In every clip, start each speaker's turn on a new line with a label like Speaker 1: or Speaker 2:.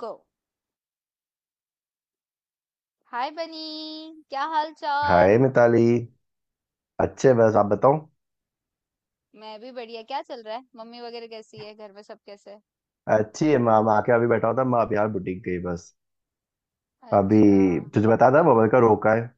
Speaker 1: गो। हाय बनी, क्या हाल
Speaker 2: हाय
Speaker 1: चाल?
Speaker 2: मिताली। अच्छे, बस आप बताओ।
Speaker 1: मैं भी बढ़िया। क्या चल रहा है? मम्मी वगैरह कैसी है, घर में सब कैसे हैं?
Speaker 2: अच्छी है। मैं आके अभी बैठा हुआ था। मैं अभी यार बुटीक गई बस।
Speaker 1: अच्छा,
Speaker 2: अभी तुझे बता था बबल का रोका है।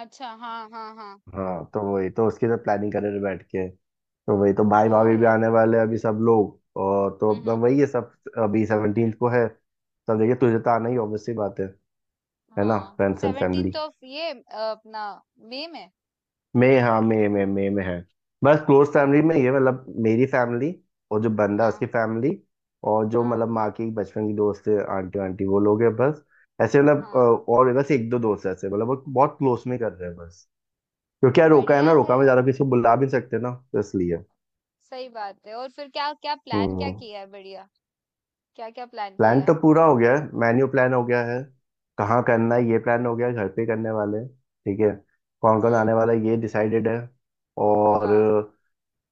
Speaker 1: अच्छा। हाँ, हाँ, हाँ।
Speaker 2: हाँ, तो वही तो उसकी तो प्लानिंग कर रहे थे बैठ के। तो वही तो भाई
Speaker 1: ओ।
Speaker 2: भाभी भी आने वाले हैं अभी सब लोग। और तो
Speaker 1: हम्म,
Speaker 2: अपना वही है सब। अभी 17th को है। सब देखिए तुझे तो आना ही ऑब्वियसली बात है। है ना,
Speaker 1: हाँ,
Speaker 2: friends and
Speaker 1: 17th
Speaker 2: family.
Speaker 1: Of अपना मई में।
Speaker 2: मैं हाँ मैं में है। बस क्लोज
Speaker 1: वो,
Speaker 2: फैमिली में ये, मतलब मेरी फैमिली। और जो बंदा,
Speaker 1: हाँ,
Speaker 2: उसकी फैमिली। और जो
Speaker 1: हाँ,
Speaker 2: मतलब माँ की बचपन की दोस्त है आंटी, आंटी वो लोग हैं बस। ऐसे मतलब
Speaker 1: हाँ।
Speaker 2: और बस एक दो दोस्त ऐसे, मतलब वो बहुत क्लोज में कर रहे हैं बस। क्योंकि यार रोका है ना,
Speaker 1: बढ़िया है
Speaker 2: रोका में ज्यादा
Speaker 1: यार।
Speaker 2: किसी को बुला भी नहीं सकते ना, तो इसलिए।
Speaker 1: सही बात है। और फिर क्या क्या प्लान, क्या
Speaker 2: हम्म।
Speaker 1: किया है, बढ़िया? क्या क्या प्लान
Speaker 2: प्लान
Speaker 1: किया
Speaker 2: तो
Speaker 1: है?
Speaker 2: पूरा हो गया है। मेन्यू प्लान हो गया है। कहाँ करना है ये प्लान हो गया है, घर पे करने वाले हैं, ठीक है। कौन कौन
Speaker 1: हम्म।
Speaker 2: आने वाला है ये डिसाइडेड है। और
Speaker 1: वाह।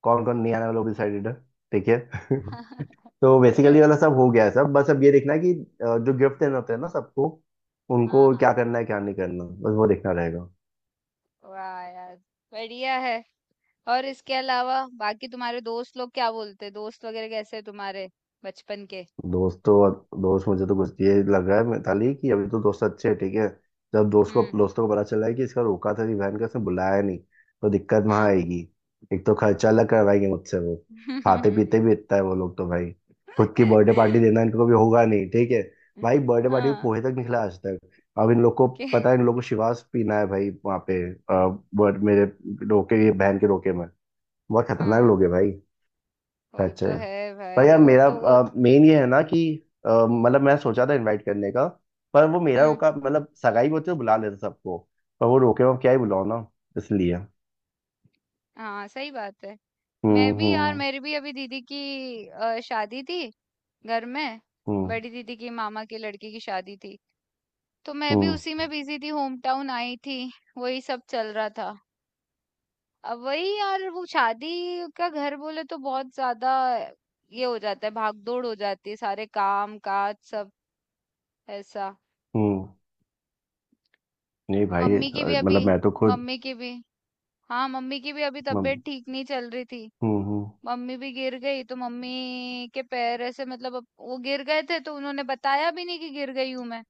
Speaker 2: कौन कौन नहीं आने वाला वो भी डिसाइडेड है। ठीक है। तो बेसिकली वाला सब हो गया है सब। बस अब ये देखना है कि जो गिफ्ट देना होता है ना सबको,
Speaker 1: हाँ,
Speaker 2: उनको
Speaker 1: हाँ,
Speaker 2: क्या करना है क्या नहीं करना, बस वो देखना रहेगा।
Speaker 1: वाह यार, बढ़िया है। और इसके अलावा बाकी तुम्हारे दोस्त लोग क्या बोलते, दोस्त वगैरह कैसे हैं तुम्हारे बचपन के?
Speaker 2: दोस्त मुझे तो कुछ ये लग रहा है मिताली कि अभी तो दोस्त अच्छे हैं ठीक है। जब दोस्त को
Speaker 1: हम्म।
Speaker 2: दोस्तों को पता चला है कि इसका रोका था बहन का, इसने बुलाया नहीं, तो दिक्कत वहां
Speaker 1: हाँ।
Speaker 2: आएगी। एक तो खर्चा अलग करवाएंगे मुझसे वो। खाते पीते भी इतना है वो लोग तो भाई। खुद की बर्थडे पार्टी देना इनको कभी होगा नहीं ठीक है। भाई बर्थडे पार्टी में
Speaker 1: हाँ,
Speaker 2: पोहे तक निकला आज तक। अब इन लोग को
Speaker 1: के
Speaker 2: पता है, इन लोग को शिवास पीना है भाई वहाँ पे मेरे रोके, ये बहन के रोके में बहुत खतरनाक
Speaker 1: हाँ।
Speaker 2: लोग है भाई।
Speaker 1: वो
Speaker 2: खर्चे।
Speaker 1: तो है
Speaker 2: पर
Speaker 1: भाई,
Speaker 2: यार
Speaker 1: वो
Speaker 2: मेरा
Speaker 1: तो वो।
Speaker 2: मेन ये है ना कि मतलब मैं सोचा था इनवाइट करने का। पर वो मेरा
Speaker 1: हम्म।
Speaker 2: रोका, मतलब सगाई होती तो बुला लेते सबको। पर वो रोके हुए, अब क्या ही बुलाओ ना, इसलिए।
Speaker 1: हाँ, सही बात है।
Speaker 2: हम्म।
Speaker 1: मैं भी यार,
Speaker 2: हम्म।
Speaker 1: मेरी भी अभी दीदी की शादी थी घर में।
Speaker 2: हम्म।
Speaker 1: बड़ी दीदी की मामा की लड़की की शादी थी। तो मैं भी
Speaker 2: हम्म।
Speaker 1: उसी में बिजी थी, होम टाउन आई थी। वही सब चल रहा था। अब वही यार, वो शादी का घर बोले तो बहुत ज्यादा ये हो जाता है, भागदौड़ हो जाती है, सारे काम काज सब ऐसा।
Speaker 2: हम्म। नहीं भाई
Speaker 1: मम्मी की भी अभी
Speaker 2: मतलब मैं तो खुद।
Speaker 1: मम्मी की भी हाँ, मम्मी की भी अभी
Speaker 2: हम्म।
Speaker 1: तबीयत ठीक नहीं चल रही थी।
Speaker 2: हम्म। हम्म।
Speaker 1: मम्मी भी गिर गई, तो मम्मी के पैर ऐसे मतलब अब वो गिर गए थे, तो उन्होंने बताया भी नहीं कि गिर गई हूं मैं।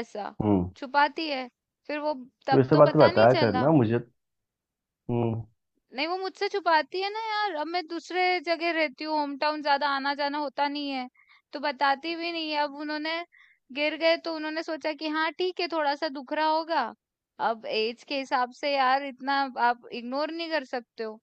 Speaker 1: ऐसा
Speaker 2: हम्म।
Speaker 1: छुपाती है, फिर वो
Speaker 2: तो
Speaker 1: तब
Speaker 2: इस
Speaker 1: तो
Speaker 2: बात तो
Speaker 1: पता नहीं
Speaker 2: बताया
Speaker 1: चला।
Speaker 2: करना मुझे। हम्म।
Speaker 1: नहीं, वो मुझसे छुपाती है ना यार, अब मैं दूसरे जगह रहती हूँ, होम टाउन ज़्यादा आना-जाना होता नहीं है, तो बताती भी नहीं है। अब उन्होंने गिर गए तो उन्होंने सोचा कि हाँ ठीक है, थोड़ा-सा दुख रहा होगा। अब एज के हिसाब से यार इतना आप इग्नोर नहीं कर सकते हो।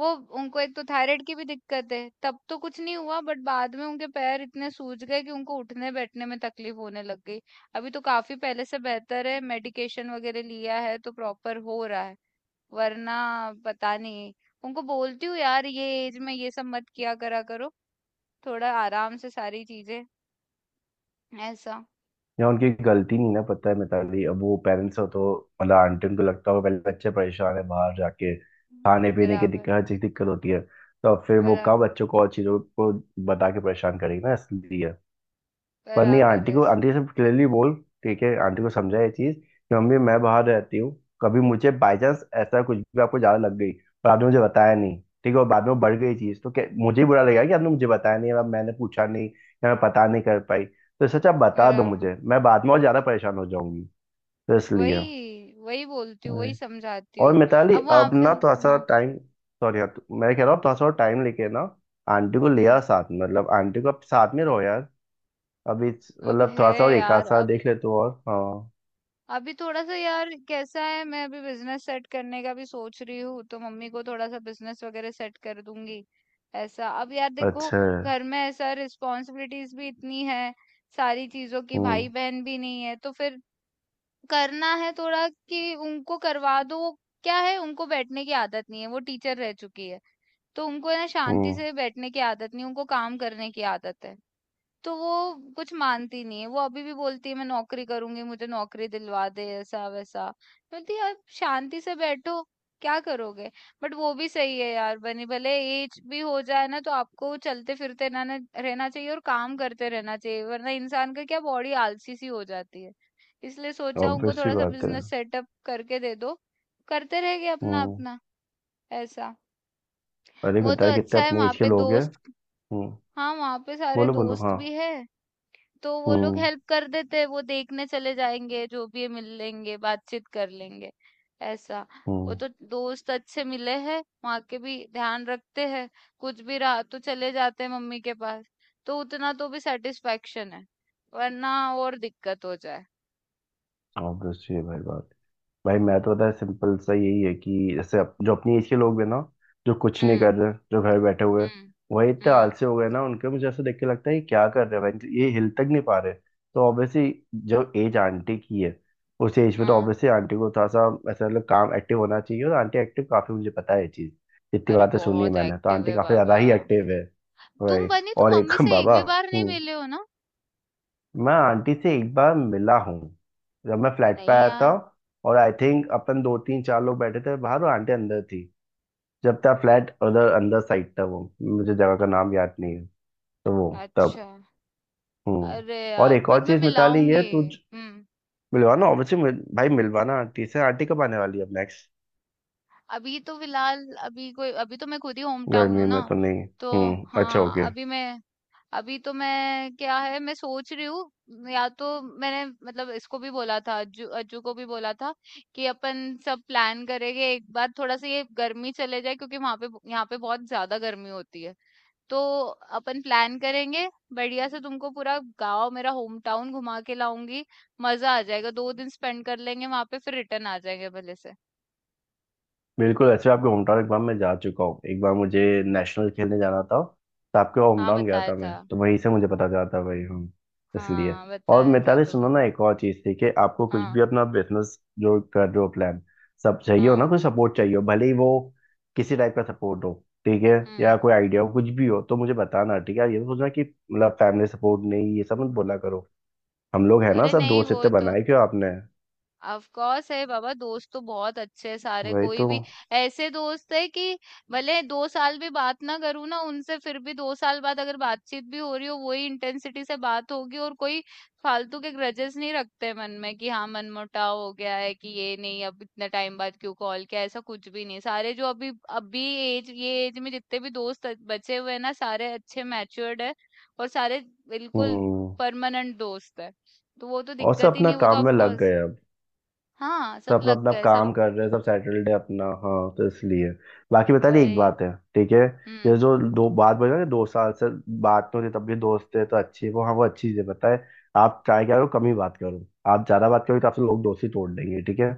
Speaker 1: वो, उनको एक तो थायराइड की भी दिक्कत है, तब तो कुछ नहीं हुआ, बट बाद में उनके पैर इतने सूज गए कि उनको उठने-बैठने में तकलीफ होने लग गई। अभी तो काफ़ी पहले से बेहतर है, मेडिकेशन वगैरह लिया है तो प्रॉपर हो रहा है। वरना पता नहीं। उनको बोलती हूँ यार, ये एज में ये सब मत किया करा करो, थोड़ा आराम से सारी चीजें, ऐसा।
Speaker 2: या उनकी गलती नहीं ना, पता है मिताली, अब वो पेरेंट्स हो तो मतलब आंटी, उनको लगता होगा पहले बच्चे परेशान है बाहर, जाके खाने पीने की
Speaker 1: बराबर,
Speaker 2: दिक्कत, हर चीज दिक्कत होती है, तो अब फिर वो कब
Speaker 1: बराबर।
Speaker 2: बच्चों को और चीजों को बता के परेशान करेगी ना, इसलिए। पर नहीं,
Speaker 1: बराबर
Speaker 2: आंटी
Speaker 1: है।
Speaker 2: को, आंटी से क्लियरली बोल, ठीक है। आंटी को समझा ये चीज कि मम्मी मैं बाहर रहती हूँ, कभी मुझे बाई चांस ऐसा कुछ भी आपको ज्यादा लग गई, पर आपने मुझे बताया नहीं, ठीक है, और बाद में वो बढ़ गई चीज, तो क्या मुझे ही बुरा लगेगा कि आपने मुझे बताया नहीं या मैंने पूछा नहीं या मैं पता नहीं कर पाई, तो सच आप बता दो
Speaker 1: बराबर।
Speaker 2: मुझे, मैं बाद में और ज्यादा परेशान हो जाऊंगी, तो इसलिए।
Speaker 1: वही वही बोलती हूँ, वही
Speaker 2: अरे।
Speaker 1: समझाती
Speaker 2: और
Speaker 1: हूँ।
Speaker 2: मिताली
Speaker 1: अब वहां
Speaker 2: अब
Speaker 1: पे।
Speaker 2: ना थोड़ा सा
Speaker 1: हाँ।
Speaker 2: टाइम। सॉरी, मैं कह रहा हूँ थोड़ा सा टाइम लेके ना, आंटी को ले
Speaker 1: हम्म।
Speaker 2: आओ साथ में, मतलब आंटी को आप साथ में रहो यार। अभी
Speaker 1: अब
Speaker 2: मतलब
Speaker 1: है
Speaker 2: थोड़ा सा और एक आध
Speaker 1: यार,
Speaker 2: साल
Speaker 1: अब।
Speaker 2: देख ले तो, और हाँ,
Speaker 1: अभी थोड़ा सा यार, कैसा है, मैं अभी बिजनेस सेट करने का भी सोच रही हूँ, तो मम्मी को थोड़ा सा बिजनेस वगैरह सेट कर दूंगी, ऐसा। अब यार देखो,
Speaker 2: अच्छा है।
Speaker 1: घर में ऐसा रिस्पॉन्सिबिलिटीज भी इतनी है, सारी चीजों की, भाई
Speaker 2: हम्म।
Speaker 1: बहन भी नहीं है तो फिर करना है थोड़ा, कि उनको करवा दो वो। क्या है, उनको बैठने की आदत नहीं है, वो टीचर रह चुकी है। तो उनको ना शांति
Speaker 2: हम्म।
Speaker 1: से बैठने की आदत नहीं, उनको काम करने की आदत है। तो वो कुछ मानती नहीं है। वो अभी भी बोलती है, मैं नौकरी करूँगी, मुझे नौकरी दिलवा दे, ऐसा-वैसा। मैं बोलती यार शांति से बैठो, क्या करोगे? बट वो भी सही है यार बनी, भले एज भी हो जाए ना, तो आपको चलते-फिरते ना ना रहना चाहिए और काम करते रहना चाहिए। वरना इंसान का क्या, बॉडी आलसी सी हो जाती है। इसलिए सोचा उनको
Speaker 2: ऑब्वियस सी
Speaker 1: थोड़ा-सा
Speaker 2: बात है।
Speaker 1: बिज़नेस सेटअप करके दे दो। करते रहेंगे
Speaker 2: हम्म।
Speaker 1: अपना-अपना, ऐसा।
Speaker 2: अरे
Speaker 1: वो तो
Speaker 2: मिताली कितने
Speaker 1: अच्छा है,
Speaker 2: अपनी
Speaker 1: वहाँ
Speaker 2: एज के
Speaker 1: पे
Speaker 2: लोग हैं।
Speaker 1: दोस्त।
Speaker 2: हम्म।
Speaker 1: हाँ, वहाँ पे सारे
Speaker 2: बोलो बोलो,
Speaker 1: दोस्त
Speaker 2: हाँ।
Speaker 1: भी है। तो वो लोग
Speaker 2: हम्म।
Speaker 1: हेल्प कर देते, हैं, वो देखने चले जाएँगे, जो भी है मिल लेंगे, बातचीत कर लेंगे, ऐसा। वो
Speaker 2: हम्म।
Speaker 1: तो दोस्त अच्छे मिले हैं, वहाँ के भी ध्यान रखते हैं, कुछ भी रहा तो चले जाते हैं मम्मी के पास। तो उतना तो भी सैटिस्फैक्शन है, वरना और दिक्कत हो जाए।
Speaker 2: ऑब्वियस सी है भाई बात। भाई मैं तो पता है, सिंपल सा यही है कि जैसे जो अपनी एज के लोग हैं ना, जो कुछ नहीं कर
Speaker 1: हुँ,
Speaker 2: रहे, जो घर बैठे हुए हैं,
Speaker 1: हुँ,
Speaker 2: वही इतने
Speaker 1: हुँ,
Speaker 2: आलसी हो गए ना, उनके मुझे ऐसा देख के लगता है, ये क्या कर रहे हैं भाई, ये हिल तक नहीं पा रहे। तो ऑब्वियसली, जो एज आंटी की है, उस एज में तो
Speaker 1: हाँ।
Speaker 2: ऑब्वियसली आंटी को थोड़ा सा ऐसा, मतलब काम एक्टिव होना चाहिए, और आंटी एक्टिव काफी, मुझे पता है ये चीज। जितनी
Speaker 1: अरे
Speaker 2: बातें सुनी है
Speaker 1: बहुत
Speaker 2: मैंने, तो
Speaker 1: एक्टिव
Speaker 2: आंटी
Speaker 1: है
Speaker 2: काफी ज्यादा
Speaker 1: बाबा।
Speaker 2: ही एक्टिव है।
Speaker 1: तुम
Speaker 2: भाई
Speaker 1: बनी, तुम
Speaker 2: और
Speaker 1: मम्मी
Speaker 2: एक
Speaker 1: से एक
Speaker 2: बाबा।
Speaker 1: भी बार नहीं
Speaker 2: हूँ।
Speaker 1: मिले हो ना?
Speaker 2: मैं आंटी से एक बार मिला हूँ, जब मैं फ्लैट पे
Speaker 1: नहीं
Speaker 2: आया था,
Speaker 1: यार,
Speaker 2: और आई थिंक अपन दो तीन चार लोग बैठे थे बाहर और आंटी अंदर थी। जब तक फ्लैट उधर अंदर साइड था, वो मुझे जगह का नाम याद नहीं है। तो वो।
Speaker 1: अच्छा।
Speaker 2: तब। हम्म।
Speaker 1: अरे
Speaker 2: और
Speaker 1: यार,
Speaker 2: एक
Speaker 1: मत
Speaker 2: और
Speaker 1: मैं
Speaker 2: चीज मिताली, ये
Speaker 1: मिलाऊँगी।
Speaker 2: तू
Speaker 1: हुँ।
Speaker 2: मिलवाना, ऑब्वियसली मिल, भाई मिलवाना आंटी से। आंटी कब आने वाली है अब नेक्स्ट?
Speaker 1: अभी तो फिलहाल अभी कोई अभी तो मैं खुद ही होम टाउन
Speaker 2: गर्मी
Speaker 1: हूँ ना,
Speaker 2: में तो नहीं।
Speaker 1: तो
Speaker 2: हम्म, अच्छा
Speaker 1: हाँ।
Speaker 2: ओके।
Speaker 1: अभी मैं, अभी तो मैं क्या है, मैं सोच रही हूँ, या तो मैंने मतलब इसको भी बोला था, अज्जू, अज्जू को भी बोला था, कि अपन सब प्लान करेंगे एक बार, थोड़ा सा ये गर्मी चले जाए, क्योंकि वहां पे यहाँ पे बहुत ज्यादा गर्मी होती है, तो अपन प्लान करेंगे बढ़िया से, तुमको पूरा गांव, मेरा होम टाउन घुमा के लाऊंगी, मजा आ जाएगा, 2 दिन स्पेंड कर लेंगे वहां पे, फिर रिटर्न आ जाएंगे भले से।
Speaker 2: बिल्कुल, अच्छा आपके होम टाउन एक बार मैं जा चुका हूँ, एक बार मुझे नेशनल खेलने जाना था, तो आपके होम
Speaker 1: हाँ
Speaker 2: टाउन गया
Speaker 1: बताया
Speaker 2: था मैं,
Speaker 1: था,
Speaker 2: तो वहीं से मुझे पता चला था भाई हम, इसलिए।
Speaker 1: हाँ,
Speaker 2: और
Speaker 1: बताया था
Speaker 2: मिताली सुनो ना,
Speaker 1: तुमने।
Speaker 2: एक और चीज़ थी कि आपको कुछ
Speaker 1: हाँ,
Speaker 2: भी अपना बिजनेस जो कर रहे हो प्लान, सब चाहिए हो ना,
Speaker 1: हाँ।
Speaker 2: कोई सपोर्ट चाहिए हो, भले ही वो किसी टाइप का सपोर्ट हो, ठीक है,
Speaker 1: हुँ।
Speaker 2: या कोई आइडिया हो, कुछ भी हो, तो मुझे बताना ठीक है। ये तो सोचना कि मतलब फैमिली सपोर्ट नहीं, ये सब मत बोला करो। हम लोग है ना,
Speaker 1: अरे
Speaker 2: सब
Speaker 1: नहीं,
Speaker 2: दोस्त
Speaker 1: वो
Speaker 2: इतने
Speaker 1: तो
Speaker 2: बनाए क्यों आपने,
Speaker 1: ऑफ कोर्स है बाबा, दोस्त तो बहुत अच्छे हैं सारे,
Speaker 2: वही
Speaker 1: कोई
Speaker 2: तो।
Speaker 1: भी ऐसे दोस्त है कि भले 2 साल भी बात ना करूं ना उनसे, फिर भी 2 साल बाद अगर बातचीत भी हो रही हो, वही इंटेंसिटी से बात होगी। और कोई फालतू के ग्रजेस नहीं रखते मन में, कि हाँ मनमुटाव हो गया है, कि ये नहीं अब इतने टाइम बाद क्यों कॉल किया, ऐसा कुछ भी नहीं। सारे जो अभी अभी एज में जितने भी दोस्त बचे हुए हैं ना, सारे अच्छे मैच्योर्ड है और सारे बिल्कुल
Speaker 2: हम्म।
Speaker 1: परमानेंट दोस्त है। तो वो तो
Speaker 2: और सब
Speaker 1: दिक्कत ही
Speaker 2: अपना
Speaker 1: नहीं, वो तो
Speaker 2: काम
Speaker 1: ऑफ
Speaker 2: में लग
Speaker 1: कोर्स।
Speaker 2: गए।
Speaker 1: हाँ
Speaker 2: सब
Speaker 1: सब
Speaker 2: अपना
Speaker 1: लग
Speaker 2: अपना
Speaker 1: गए, सब
Speaker 2: काम कर रहे हैं सब, सैटरडे अपना, हाँ, तो इसलिए बाकी बता रही, एक
Speaker 1: गए।
Speaker 2: बात है ठीक है।
Speaker 1: हम्म।
Speaker 2: ये जो दो बात बोल रहे हैं ना, दो साल से बात नहीं होती तब भी दोस्त है तो अच्छी है, वो हाँ वो अच्छी चीज़ है, पता है, आप ट्राई करो कम ही बात करो। आप ज्यादा बात करोगे तो आपसे लोग दोस्ती तोड़ देंगे ठीक है।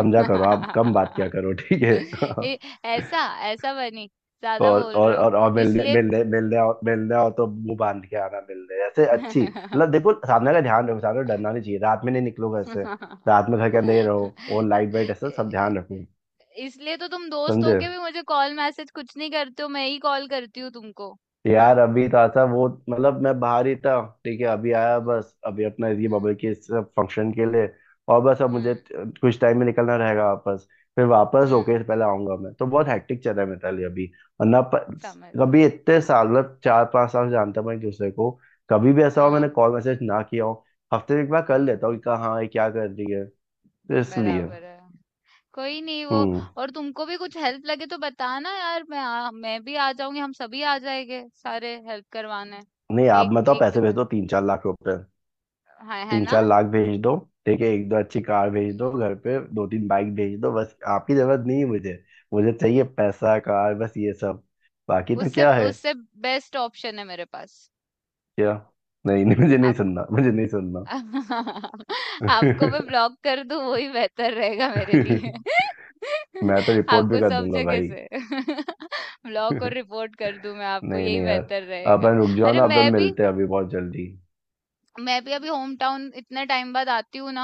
Speaker 2: समझा करो, आप कम बात किया करो ठीक है।
Speaker 1: ए, ऐसा, ऐसा बनी, ज्यादा
Speaker 2: और
Speaker 1: बोल रहे
Speaker 2: और
Speaker 1: हो,
Speaker 2: और, और मिलने
Speaker 1: इसलिए।
Speaker 2: मिलने मिलने आओ, मिलने आओ तो मुंह बांध के आना, मिलने ऐसे अच्छी, मतलब देखो सामने का ध्यान रखो, सामने को डरना नहीं चाहिए, रात में नहीं निकलो घर से, रात में घर के अंदर ही रहो, और लाइट वाइट ऐसा सब
Speaker 1: ए,
Speaker 2: ध्यान रखो,
Speaker 1: इसलिए तो तुम दोस्त
Speaker 2: समझे।
Speaker 1: होके भी मुझे कॉल मैसेज कुछ नहीं करते हो, मैं ही कॉल करती हूँ तुमको।
Speaker 2: यार अभी तो था वो, मतलब मैं बाहर ही था, ठीक है, अभी आया बस, अभी अपना ये
Speaker 1: हम्म,
Speaker 2: बबल के सब फंक्शन के लिए। और बस अब मुझे
Speaker 1: हम्म,
Speaker 2: कुछ टाइम में निकलना रहेगा वापस। फिर वापस
Speaker 1: हम्म।
Speaker 2: होके पहले आऊंगा मैं, तो बहुत हैक्टिक चल रहा है मेरे लिए अभी। वरना
Speaker 1: समझ रहा
Speaker 2: कभी
Speaker 1: हूँ।
Speaker 2: इतने साल, मतलब चार पांच साल जानता हूं मैं एक दूसरे को, कभी भी ऐसा हो मैंने
Speaker 1: हाँ।
Speaker 2: कॉल मैसेज ना किया हो, हफ्ते में एक बार कर लेता हूँ
Speaker 1: हम्म।
Speaker 2: कि कहाँ है क्या कर रही है, तो इसलिए।
Speaker 1: बराबर है। कोई नहीं, वो।
Speaker 2: हम्म।
Speaker 1: और तुमको भी कुछ हेल्प लगे तो बताना यार, मैं भी आ जाऊंगी, हम सभी आ जाएंगे सारे हेल्प करवाने।
Speaker 2: नहीं, आप
Speaker 1: एक
Speaker 2: मतलब
Speaker 1: एक दो
Speaker 2: पैसे भेज दो,
Speaker 1: मिनट।
Speaker 2: तीन चार लाख रुपए।
Speaker 1: हाँ है
Speaker 2: तीन
Speaker 1: ना।
Speaker 2: चार लाख भेज दो, ठीक है, एक दो अच्छी कार भेज दो घर पे, दो तीन बाइक भेज दो, बस, आपकी जरूरत नहीं है मुझे। मुझे चाहिए पैसा कार बस ये सब, बाकी तो
Speaker 1: उससे
Speaker 2: क्या है।
Speaker 1: उससे बेस्ट ऑप्शन है मेरे पास।
Speaker 2: क्या? नहीं नहीं, मुझे नहीं
Speaker 1: आप।
Speaker 2: सुनना, मुझे नहीं सुनना।
Speaker 1: आपको मैं ब्लॉक कर दूं, वही बेहतर रहेगा मेरे लिए।
Speaker 2: मैं तो रिपोर्ट भी
Speaker 1: आपको
Speaker 2: कर
Speaker 1: सब
Speaker 2: दूंगा
Speaker 1: जगह
Speaker 2: भाई।
Speaker 1: से ब्लॉक और
Speaker 2: नहीं,
Speaker 1: रिपोर्ट कर दूं मैं आपको, यही
Speaker 2: नहीं यार,
Speaker 1: बेहतर रहेगा।
Speaker 2: अपन रुक जाओ
Speaker 1: अरे
Speaker 2: ना, अपन मिलते हैं अभी बहुत जल्दी।
Speaker 1: मैं भी अभी होम टाउन इतने टाइम बाद आती हूँ ना,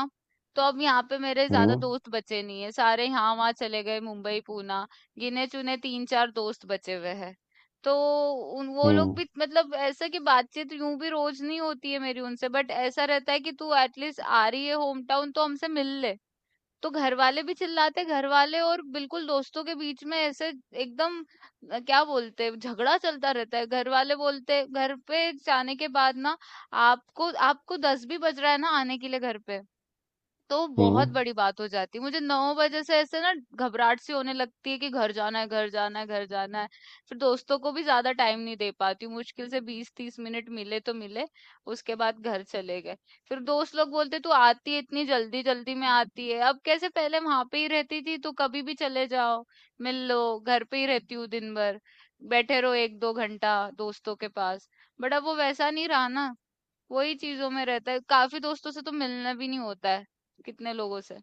Speaker 1: तो अब यहाँ पे मेरे ज्यादा
Speaker 2: हम्म।
Speaker 1: दोस्त बचे नहीं है, सारे यहाँ वहाँ चले गए, मुंबई, पूना। गिने चुने तीन चार दोस्त बचे हुए हैं। तो उन वो लोग
Speaker 2: हम्म।
Speaker 1: भी मतलब ऐसा कि बातचीत यूं भी रोज नहीं होती है मेरी उनसे, बट ऐसा रहता है कि तू एटलीस्ट आ रही है होम टाउन तो हमसे मिल ले। तो घरवाले भी चिल्लाते, घरवाले और बिल्कुल दोस्तों के बीच में ऐसे एकदम क्या बोलते हैं, झगड़ा चलता रहता है। घरवाले बोलते घर पे जाने के बाद ना, आपको आपको 10 भी बज रहा है ना आने के लिए घर पे, तो बहुत
Speaker 2: हम्म।
Speaker 1: बड़ी बात हो जाती है। मुझे 9 बजे से ऐसे ना घबराहट सी होने लगती है कि घर जाना है, घर जाना है, घर जाना है। फिर दोस्तों को भी ज्यादा टाइम नहीं दे पाती हूँ, मुश्किल से 20 30 मिनट मिले तो मिले, उसके बाद घर चले गए। फिर दोस्त लोग बोलते तू आती है इतनी जल्दी, जल्दी में आती है, अब कैसे, पहले वहां पे ही रहती थी तो कभी भी चले जाओ मिल लो, घर पे ही रहती हूँ दिन भर, बैठे रहो एक दो घंटा दोस्तों के पास, बट अब वो वैसा नहीं रहा ना, वही चीजों में रहता है, काफी दोस्तों से तो मिलना भी नहीं होता है, कितने लोगों से,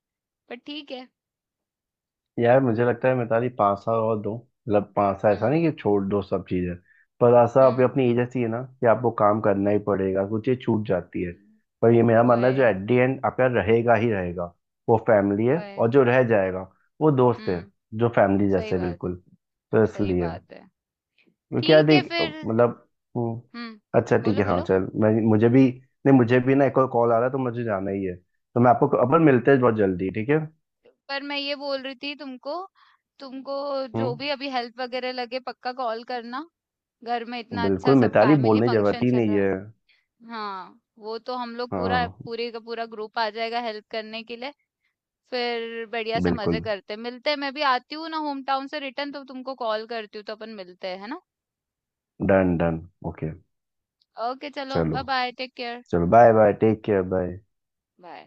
Speaker 1: पर ठीक है।
Speaker 2: यार मुझे लगता है मैं, तारी पासा और दो, मतलब पासा ऐसा
Speaker 1: हम्म,
Speaker 2: नहीं कि छोड़ दो सब चीजें, पर आशा आप
Speaker 1: हम्म,
Speaker 2: अपनी एज ऐसी है ना कि आपको काम करना ही पड़ेगा, कुछ चीज छूट जाती है, पर ये मेरा मानना है जो
Speaker 1: वही
Speaker 2: एट दी एंड आपका रहेगा ही रहेगा, वो फैमिली है।
Speaker 1: वही।
Speaker 2: और जो रह जाएगा वो दोस्त है,
Speaker 1: हम्म।
Speaker 2: जो फैमिली
Speaker 1: सही
Speaker 2: जैसे
Speaker 1: बात है।
Speaker 2: बिल्कुल, तो
Speaker 1: सही
Speaker 2: इसलिए,
Speaker 1: बात है।
Speaker 2: क्योंकि यार
Speaker 1: ठीक है
Speaker 2: देख
Speaker 1: फिर।
Speaker 2: मतलब। हम्म,
Speaker 1: हम्म,
Speaker 2: अच्छा ठीक
Speaker 1: बोलो
Speaker 2: है, हाँ
Speaker 1: बोलो।
Speaker 2: चल, मैं मुझे भी, नहीं मुझे भी ना एक और कॉल आ रहा है तो मुझे जाना ही है, तो मैं आपको, अपन मिलते हैं बहुत जल्दी ठीक है।
Speaker 1: पर मैं ये बोल रही थी तुमको, तुमको जो
Speaker 2: हम्म।
Speaker 1: भी अभी हेल्प वगैरह लगे पक्का कॉल करना। घर में इतना अच्छा
Speaker 2: बिल्कुल
Speaker 1: सब
Speaker 2: मिताली,
Speaker 1: फैमिली
Speaker 2: बोलने की जरूरत
Speaker 1: फंक्शन
Speaker 2: ही
Speaker 1: चल रहा
Speaker 2: नहीं है।
Speaker 1: है। हाँ वो तो हम लोग पूरा,
Speaker 2: हाँ।
Speaker 1: पूरे का पूरा ग्रुप आ जाएगा हेल्प करने के लिए। फिर बढ़िया से मजे
Speaker 2: बिल्कुल।
Speaker 1: करते हैं। मिलते हैं, मैं भी आती हूँ ना होम टाउन से रिटर्न, तो तुमको कॉल करती हूँ, तो अपन मिलते हैं है ना।
Speaker 2: Done done. ओके।
Speaker 1: ओके, चलो,
Speaker 2: चलो।
Speaker 1: बाय, बाय, टेक केयर,
Speaker 2: चलो, bye bye, take care, bye.
Speaker 1: Bye.